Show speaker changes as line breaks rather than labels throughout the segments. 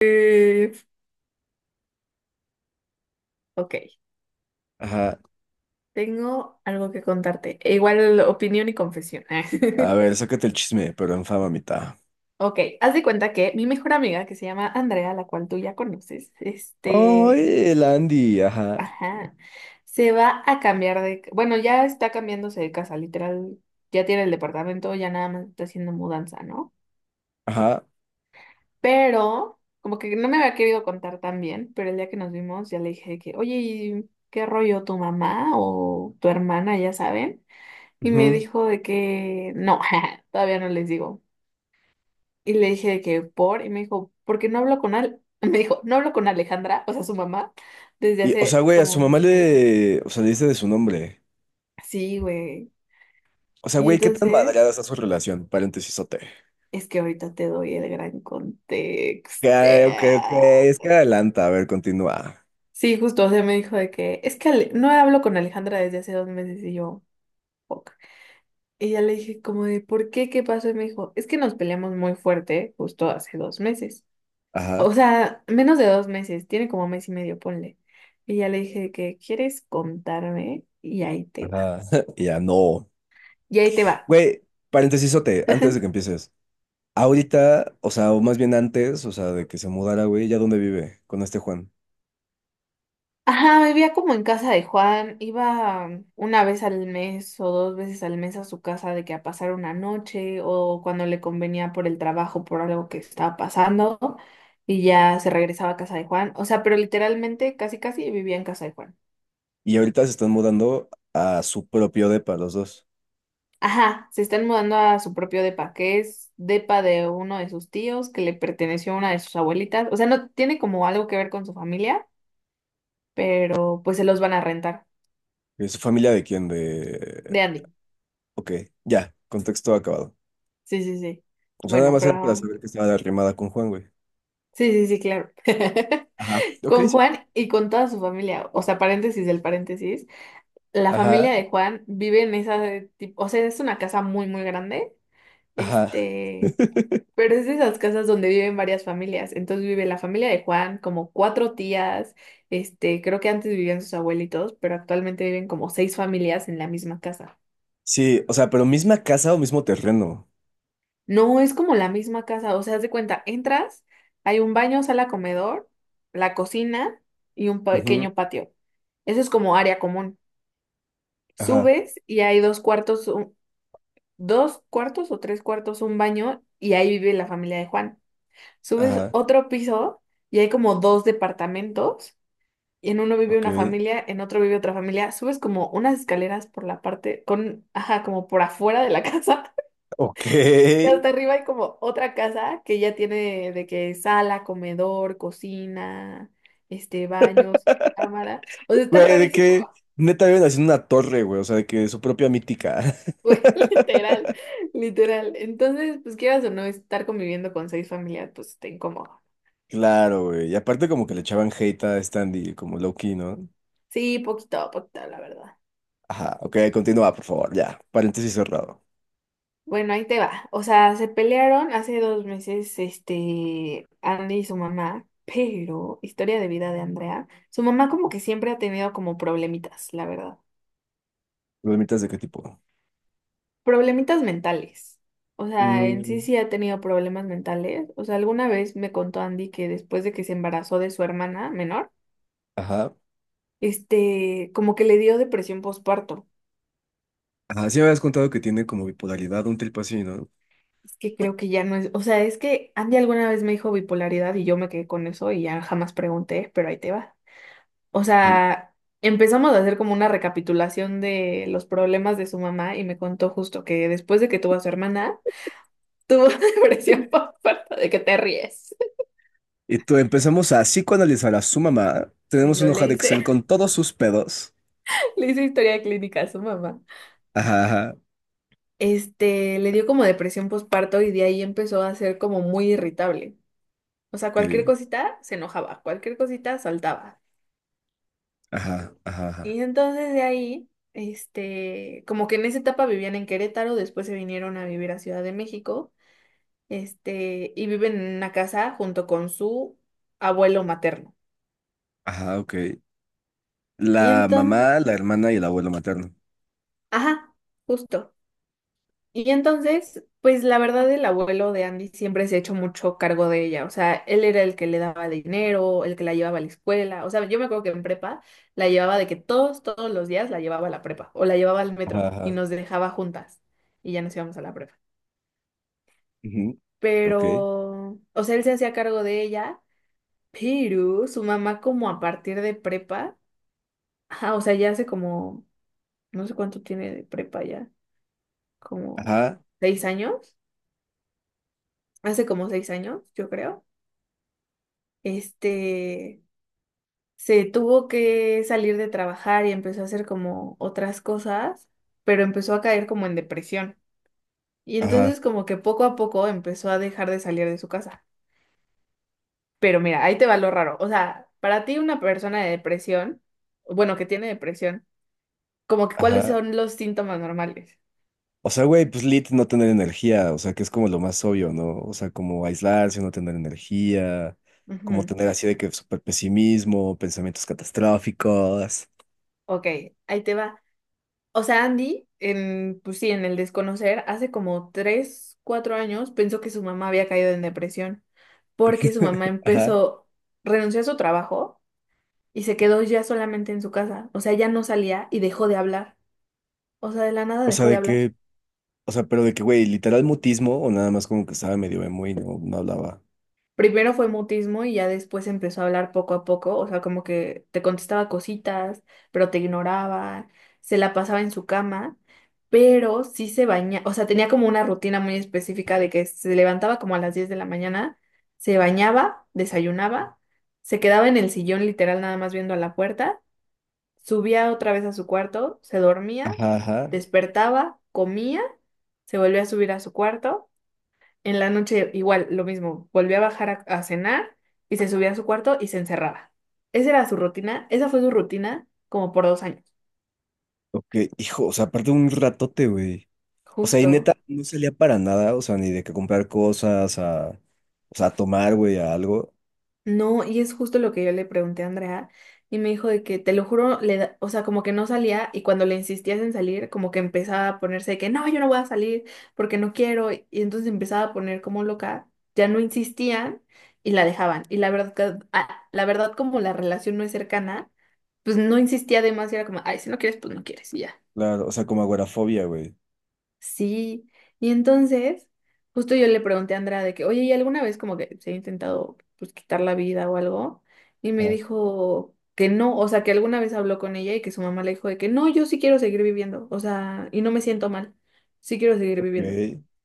Eh, ok,
Ajá.
tengo algo que contarte. Igual opinión y confesión.
A ver, sácate el chisme, pero en fama mitad.
Ok, haz de cuenta que mi mejor amiga, que se llama Andrea, la cual tú ya conoces,
Oye, el Andy, ajá.
ajá, se va a cambiar de, bueno, ya está cambiándose de casa, literal, ya tiene el departamento, ya nada más está haciendo mudanza, ¿no?
Ajá.
Pero, como que no me había querido contar tan bien, pero el día que nos vimos ya le dije que, oye, ¿y qué rollo tu mamá o tu hermana, ya saben? Y me
Ujú.
dijo de que no, todavía no les digo. Y le dije de que y me dijo, ¿por qué no hablo con Al? Me dijo, no hablo con Alejandra, o sea, su mamá, desde
Y, o sea,
hace
güey, a
como
su
un
mamá
mes y medio.
le. O sea, le dice de su nombre.
Sí, güey.
O sea,
Y
güey, ¿qué tan madreada
entonces,
está su relación? Paréntesis, ok,
es que ahorita te doy el gran contexto.
ok. Es que adelanta. A ver, continúa.
Sí, justo, o sea, me dijo de que es que no hablo con Alejandra desde hace 2 meses y yo, fuck. Y ya le dije como de, ¿por qué? ¿Qué pasó? Y me dijo, es que nos peleamos muy fuerte justo hace 2 meses.
Ajá.
O sea, menos de 2 meses, tiene como mes y medio, ponle. Y ya le dije que, ¿quieres contarme? Y ahí te va.
Ajá. Y ya no.
Y ahí te va.
Güey, paréntesis, antes de que empieces. Ahorita, o sea, o más bien antes, o sea, de que se mudara, güey, ¿ya dónde vive con este Juan?
Ajá, vivía como en casa de Juan, iba una vez al mes o dos veces al mes a su casa de que a pasar una noche o cuando le convenía por el trabajo, por algo que estaba pasando y ya se regresaba a casa de Juan. O sea, pero literalmente casi casi vivía en casa de Juan.
Y ahorita se están mudando a su propio depa, los dos.
Ajá, se están mudando a su propio depa, que es depa de uno de sus tíos que le perteneció a una de sus abuelitas. O sea, no tiene como algo que ver con su familia, pero pues se los van a rentar.
¿Es familia de quién? De...
De Andy.
Ok, ya, contexto acabado.
Sí, sí, sí.
O sea, nada
Bueno,
más era para
pero...
saber que estaba arrimada con Juan, güey.
Sí, sí, sí, claro.
Ajá, ok,
Con
sí.
Juan y con toda su familia. O sea, paréntesis del paréntesis. La
Ajá,
familia de Juan vive en esa... O sea, es una casa muy, muy grande.
ajá.
Este... Pero es de esas casas donde viven varias familias. Entonces vive la familia de Juan, como 4 tías. Creo que antes vivían sus abuelitos, pero actualmente viven como 6 familias en la misma casa.
Sí, o sea, pero misma casa o mismo terreno.
No es como la misma casa. O sea, haz de cuenta, entras, hay un baño, sala, comedor, la cocina y un
Ujú,
pequeño patio. Eso es como área común.
ajá,
Subes y hay dos cuartos, dos cuartos o tres cuartos, un baño, y ahí vive la familia de Juan. Subes
ajá,
otro piso y hay como dos departamentos. Y en uno vive
ok.
una familia, en otro vive otra familia, subes como unas escaleras por la parte, con, ajá, como por afuera de la casa,
Ok.
y hasta arriba hay como otra casa que ya tiene de que sala, comedor, cocina, baños, cámara, o sea, está
Güey, de
rarísimo,
que neta viven haciendo una torre, güey, o sea, de que su propia mítica.
güey, literal, entonces, pues quieras o no, estar conviviendo con 6 familias, pues está incómodo,
Claro, güey. Y aparte como que le echaban hate a Standy, como low-key, ¿no?
sí, poquito a poquito, la verdad.
Ajá, ok, continúa, por favor, ya. Paréntesis cerrado.
Bueno, ahí te va. O sea, se pelearon hace 2 meses, Andy y su mamá, pero, historia de vida de Andrea, su mamá como que siempre ha tenido como problemitas, la verdad.
¿Dolmitas de qué tipo?
Problemitas mentales. O sea, en sí
Mm.
sí ha tenido problemas mentales. O sea, alguna vez me contó Andy que después de que se embarazó de su hermana menor,
Ajá.
como que le dio depresión postparto.
Ajá, sí me habías contado que tiene como bipolaridad, un trip así, ¿no?
Es que creo que ya no es, o sea, es que Andy alguna vez me dijo bipolaridad y yo me quedé con eso y ya jamás pregunté, pero ahí te va. O
Ujú.
sea, empezamos a hacer como una recapitulación de los problemas de su mamá y me contó justo que después de que tuvo a su hermana, tuvo depresión por falta de que te ríes.
Y tú empezamos a psicoanalizar a su mamá.
Y
Tenemos
yo
una hoja
le
de
hice,
Excel con todos sus pedos.
le hice historia clínica a su mamá.
Ajá, ajá.
Le dio como depresión postparto y de ahí empezó a ser como muy irritable. O sea, cualquier
Ok.
cosita se enojaba, cualquier cosita saltaba.
Ajá, ajá, ajá.
Y entonces de ahí, como que en esa etapa vivían en Querétaro, después se vinieron a vivir a Ciudad de México. Y viven en una casa junto con su abuelo materno.
Ajá, ok.
Y
La
entonces,
mamá, la hermana y el abuelo materno.
ajá, justo. Y entonces, pues la verdad, el abuelo de Andy siempre se ha hecho mucho cargo de ella. O sea, él era el que le daba dinero, el que la llevaba a la escuela. O sea, yo me acuerdo que en prepa la llevaba de que todos los días la llevaba a la prepa o la llevaba al
Ajá,
metro y
ajá.
nos dejaba juntas y ya nos íbamos a la prepa.
Ujú, ok.
Pero, o sea, él se hacía cargo de ella, pero su mamá como a partir de prepa... Ajá, o sea, ya hace como, no sé cuánto tiene de prepa ya, como
Ajá,
6 años, hace como 6 años, yo creo. Este, se tuvo que salir de trabajar y empezó a hacer como otras cosas, pero empezó a caer como en depresión. Y
ajá,
entonces como que poco a poco empezó a dejar de salir de su casa. Pero mira, ahí te va lo raro. O sea, para ti una persona de depresión, bueno, que tiene depresión, como que cuáles
ajá.
son los síntomas normales.
O sea, güey, pues lit no tener energía, o sea, que es como lo más obvio, ¿no? O sea, como aislarse, no tener energía, como
Ujú.
tener así de que súper pesimismo, pensamientos catastróficos.
Ok, ahí te va. O sea, Andy, en, pues sí, en el desconocer, hace como tres, cuatro años pensó que su mamá había caído en depresión porque su mamá
Ajá.
empezó, renunció a su trabajo y se quedó ya solamente en su casa. O sea, ya no salía y dejó de hablar. O sea, de la nada
O sea,
dejó de
de
hablar.
que, o sea, pero de que, güey, literal mutismo o nada más como que estaba medio emo y no hablaba.
Primero fue mutismo y ya después empezó a hablar poco a poco, o sea, como que te contestaba cositas, pero te ignoraba, se la pasaba en su cama, pero sí se bañaba, o sea, tenía como una rutina muy específica de que se levantaba como a las 10 de la mañana, se bañaba, desayunaba, se quedaba en el sillón literal nada más viendo a la puerta, subía otra vez a su cuarto, se dormía,
Ajá, ajá.
despertaba, comía, se volvía a subir a su cuarto en la noche igual, lo mismo, volvía a bajar a cenar y se subía a su cuarto y se encerraba. Esa era su rutina, esa fue su rutina como por 2 años.
Ok, hijo, o sea, aparte un ratote, güey. O sea, y
Justo.
neta, no salía para nada, o sea, ni de que comprar cosas, a, o sea, a tomar, güey, a algo.
No, y es justo lo que yo le pregunté a Andrea y me dijo de que, te lo juro, o sea, como que no salía y cuando le insistías en salir, como que empezaba a ponerse de que, no, yo no voy a salir porque no quiero y entonces empezaba a poner como loca, ya no insistían y la dejaban. Y la verdad, la verdad como la relación no es cercana. Pues no insistía de más y era como, ay, si no quieres, pues no quieres, y ya.
Claro, o sea, como agorafobia, güey.
Sí. Y entonces, justo yo le pregunté a Andrea de que, oye, ¿y alguna vez como que se ha intentado pues quitar la vida o algo? Y me dijo que no, o sea, que alguna vez habló con ella y que su mamá le dijo de que no, yo sí quiero seguir viviendo, o sea, y no me siento mal, sí quiero seguir
Ok,
viviendo.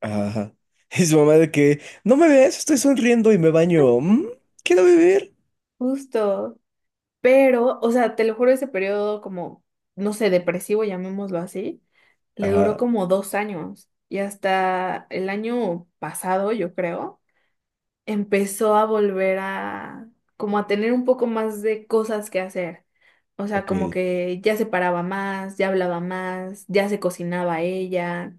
ajá. Y su mamá de que, no me ves, estoy sonriendo y me baño. ¿Mm? Quiero vivir.
Justo. Pero, o sea, te lo juro, ese periodo como, no sé, depresivo, llamémoslo así, le duró
Ajá,
como 2 años. Y hasta el año pasado, yo creo, empezó a volver a, como a tener un poco más de cosas que hacer. O sea,
ok,
como que ya se paraba más, ya hablaba más, ya se cocinaba ella,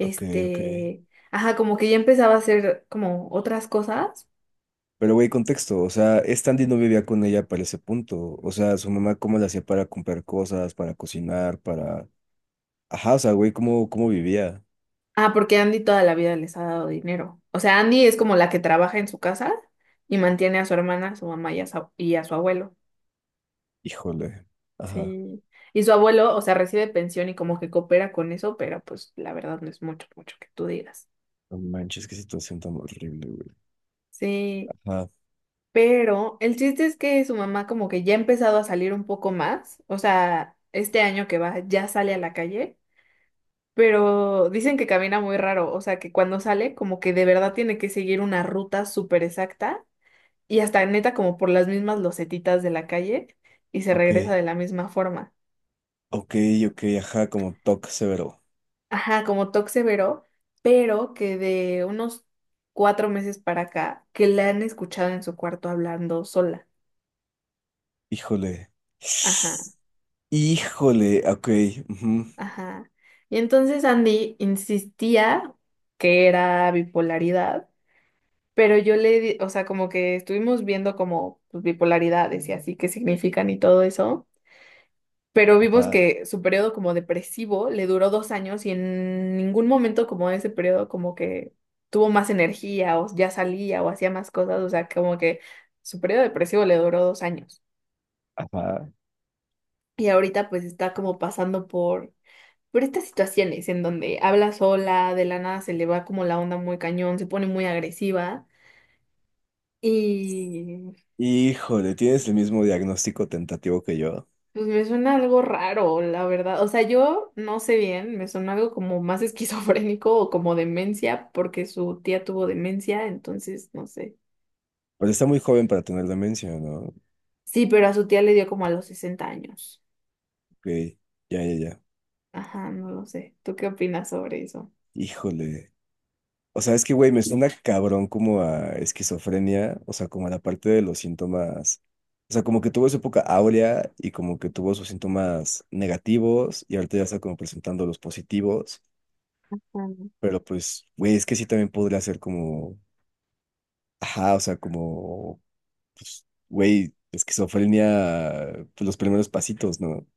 ok, ok.
ajá, como que ya empezaba a hacer como otras cosas.
Pero güey, contexto, o sea, Stanley no vivía con ella para ese punto. O sea, su mamá cómo la hacía para comprar cosas, para cocinar, para... Ajá, o sea, güey, ¿cómo vivía?
Ah, porque Andy toda la vida les ha dado dinero. O sea, Andy es como la que trabaja en su casa y mantiene a su hermana, a su mamá y a su abuelo.
Híjole. Ajá.
Sí. Y su abuelo, o sea, recibe pensión y como que coopera con eso, pero pues la verdad no es mucho, mucho que tú digas.
No manches, qué situación tan horrible, güey.
Sí.
Ajá,
Pero el chiste es que su mamá como que ya ha empezado a salir un poco más. O sea, este año que va ya sale a la calle, pero dicen que camina muy raro. O sea, que cuando sale como que de verdad tiene que seguir una ruta súper exacta y hasta neta como por las mismas losetitas de la calle y se
ok,
regresa de la misma forma.
ok, ok, ajá, como toque severo.
Ajá, como Toxevero, pero que de unos 4 meses para acá, que la han escuchado en su cuarto hablando sola.
Híjole.
Ajá,
Híjole, ok. Ujú.
ajá. Y entonces Andy insistía que era bipolaridad, pero yo le di, o sea, como que estuvimos viendo como pues, bipolaridades y así qué significan y todo eso. Pero vimos
Ah,
que su periodo como depresivo le duró 2 años y en ningún momento como de ese periodo como que tuvo más energía o ya salía o hacía más cosas, o sea, como que su periodo depresivo le duró 2 años.
ajá.
Y ahorita pues está como pasando por estas situaciones en donde habla sola, de la nada se le va como la onda muy cañón, se pone muy agresiva. Y
Híjole, tienes el mismo diagnóstico tentativo que yo.
pues me suena algo raro, la verdad. O sea, yo no sé bien, me suena algo como más esquizofrénico o como demencia, porque su tía tuvo demencia, entonces no sé.
Pero está muy joven para tener demencia, ¿no?
Sí, pero a su tía le dio como a los 60 años.
Ok, ya.
Ajá, no lo sé. ¿Tú qué opinas sobre eso?
Híjole. O sea, es que, güey, me suena cabrón como a esquizofrenia, o sea, como a la parte de los síntomas. O sea, como que tuvo su época áurea y como que tuvo sus síntomas negativos y ahorita ya está como presentando los positivos. Pero pues, güey, es que sí también podría ser como, ajá, o sea, como pues, güey, esquizofrenia, pues, los primeros pasitos, ¿no?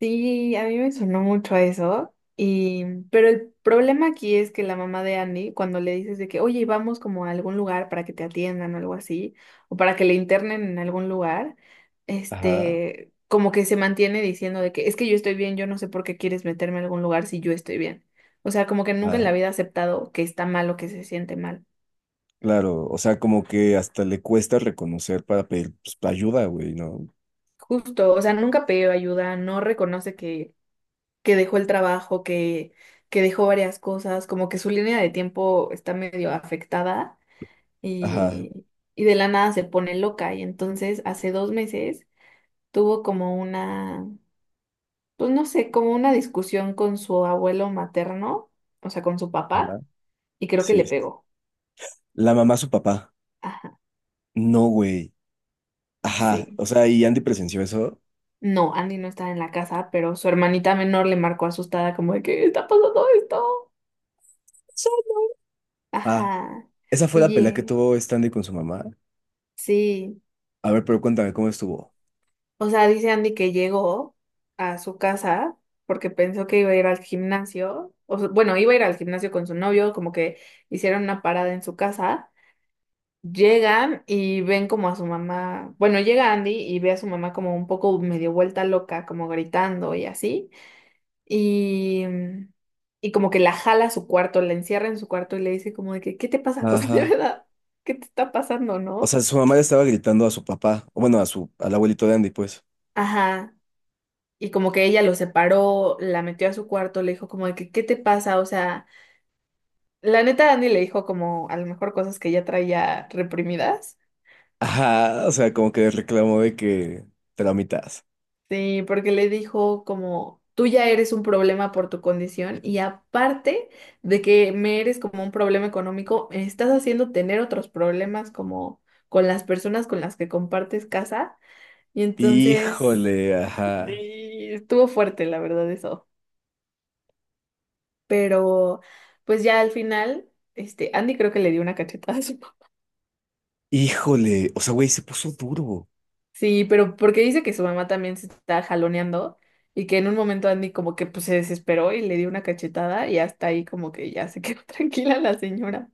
Sí, a mí me sonó mucho a eso. Y pero el problema aquí es que la mamá de Andy, cuando le dices de que, oye, vamos como a algún lugar para que te atiendan o algo así, o para que le internen en algún lugar,
Ajá,
este, como que se mantiene diciendo de que es que yo estoy bien, yo no sé por qué quieres meterme a algún lugar si yo estoy bien. O sea, como que nunca en
ajá,
la vida ha aceptado que está mal o que se siente mal.
claro, o sea, como que hasta le cuesta reconocer para pedir pues, ayuda, güey, ¿no?
Justo, o sea, nunca pidió ayuda, no reconoce que dejó el trabajo, que dejó varias cosas, como que su línea de tiempo está medio afectada
Ajá,
y, y de la nada se pone loca. Y entonces hace 2 meses tuvo como una, pues no sé, como una discusión con su abuelo materno, o sea, con su
ajá,
papá, y creo que
sí.
le pegó.
La mamá, su papá,
Ajá,
no, güey, ajá,
sí.
o sea, y Andy presenció eso.
No, Andy no estaba en la casa, pero su hermanita menor le marcó asustada como de, ¿qué está pasando esto?
Sí. Ah,
Ajá.
esa fue la
Y
pelea que
eh,
tuvo Stanley con su mamá.
sí.
A ver, pero cuéntame cómo estuvo.
O sea, dice Andy que llegó a su casa porque pensó que iba a ir al gimnasio. O sea, bueno, iba a ir al gimnasio con su novio, como que hicieron una parada en su casa. Llegan y ven como a su mamá. Bueno, llega Andy y ve a su mamá como un poco medio vuelta loca, como gritando y así. Y, y como que la jala a su cuarto, la encierra en su cuarto y le dice como de que, ¿qué te pasa? O sea, de
Ajá.
verdad, ¿qué te está pasando,
O
no?
sea, su mamá le estaba gritando a su papá, o bueno, a su, al abuelito de Andy, pues.
Ajá. Y como que ella lo separó, la metió a su cuarto, le dijo como de que, ¿qué te pasa? O sea, la neta Andy le dijo como a lo mejor cosas que ella traía reprimidas.
Ajá, o sea, como que reclamó de que te la mitas.
Sí, porque le dijo como, tú ya eres un problema por tu condición y aparte de que me eres como un problema económico, me estás haciendo tener otros problemas como con las personas con las que compartes casa. Y entonces,
Híjole, ajá.
y estuvo fuerte, la verdad, eso. Pero pues ya al final, este, Andy creo que le dio una cachetada a su papá.
Híjole. O sea, güey, se puso duro.
Sí, pero porque dice que su mamá también se está jaloneando y que en un momento Andy como que pues se desesperó y le dio una cachetada y hasta ahí como que ya se quedó tranquila la señora.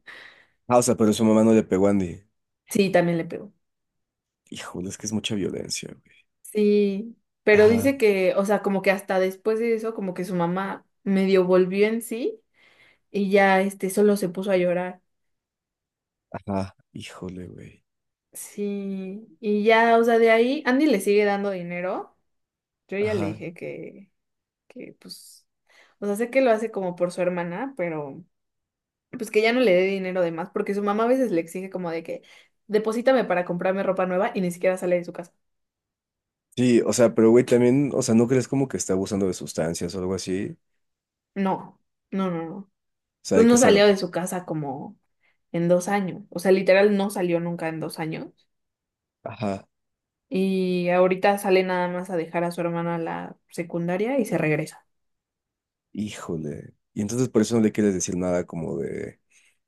Ah, o sea, pero su mamá no le pegó a Andy.
Sí, también le pegó.
Híjole, es que es mucha violencia, güey.
Sí, pero
Ajá,
dice que, o sea, como que hasta después de eso, como que su mamá medio volvió en sí y ya este solo se puso a llorar.
ajá. Híjole, güey.
Sí, y ya, o sea, de ahí Andy le sigue dando dinero. Yo ya le
Ajá.
dije que pues, o sea, sé que lo hace como por su hermana, pero pues que ya no le dé dinero de más, porque su mamá a veces le exige como de que deposítame para comprarme ropa nueva y ni siquiera sale de su casa.
Sí, o sea, pero güey, también, o sea, ¿no crees como que está abusando de sustancias o algo así?
No, no, no, no.
O sea,
Pues
de que
no salió
cero.
de su casa como en 2 años, o sea, literal no salió nunca en 2 años
Ajá.
y ahorita sale nada más a dejar a su hermana a la secundaria y se regresa.
Híjole. Y entonces por eso no le quieres decir nada como de,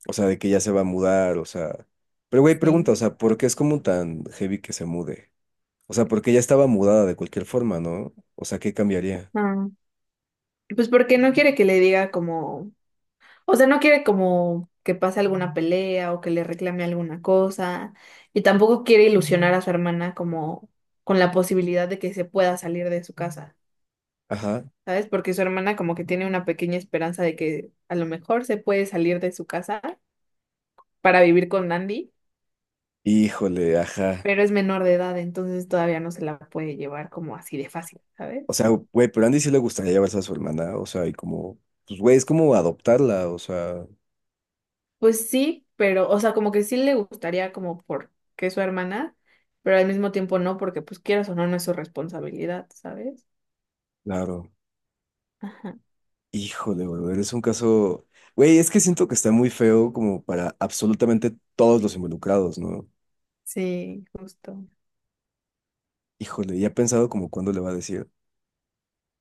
o sea, de que ya se va a mudar, o sea. Pero güey, pregunta, o
Sí.
sea, ¿por qué es como tan heavy que se mude? O sea, porque ella estaba mudada de cualquier forma, ¿no? O sea, ¿qué cambiaría?
Ah, pues porque no quiere que le diga como... O sea, no quiere como que pase alguna pelea o que le reclame alguna cosa. Y tampoco quiere ilusionar a su hermana como con la posibilidad de que se pueda salir de su casa,
Ajá.
¿sabes? Porque su hermana como que tiene una pequeña esperanza de que a lo mejor se puede salir de su casa para vivir con Andy,
Híjole, ajá.
pero es menor de edad, entonces todavía no se la puede llevar como así de fácil,
O
¿sabes?
sea, güey, pero a Andy sí le gustaría llevarse a su hermana. O sea, y como, pues, güey, es como adoptarla. O sea,
Pues sí, pero, o sea, como que sí le gustaría como porque es su hermana, pero al mismo tiempo no, porque pues quieras o no, no es su responsabilidad, ¿sabes?
claro.
Ajá.
Híjole, güey, eres un caso. Güey, es que siento que está muy feo como para absolutamente todos los involucrados, ¿no?
Sí, justo.
Híjole, y ha pensado como cuándo le va a decir,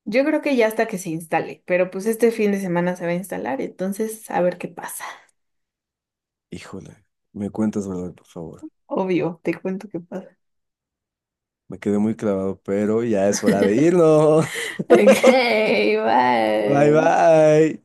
Yo creo que ya hasta que se instale, pero pues este fin de semana se va a instalar, entonces a ver qué pasa.
híjole, me cuentas, brother, por favor.
Obvio, te cuento qué pasa.
Me quedé muy clavado, pero ya es hora de irnos.
Ok,
Bye,
bye.
bye.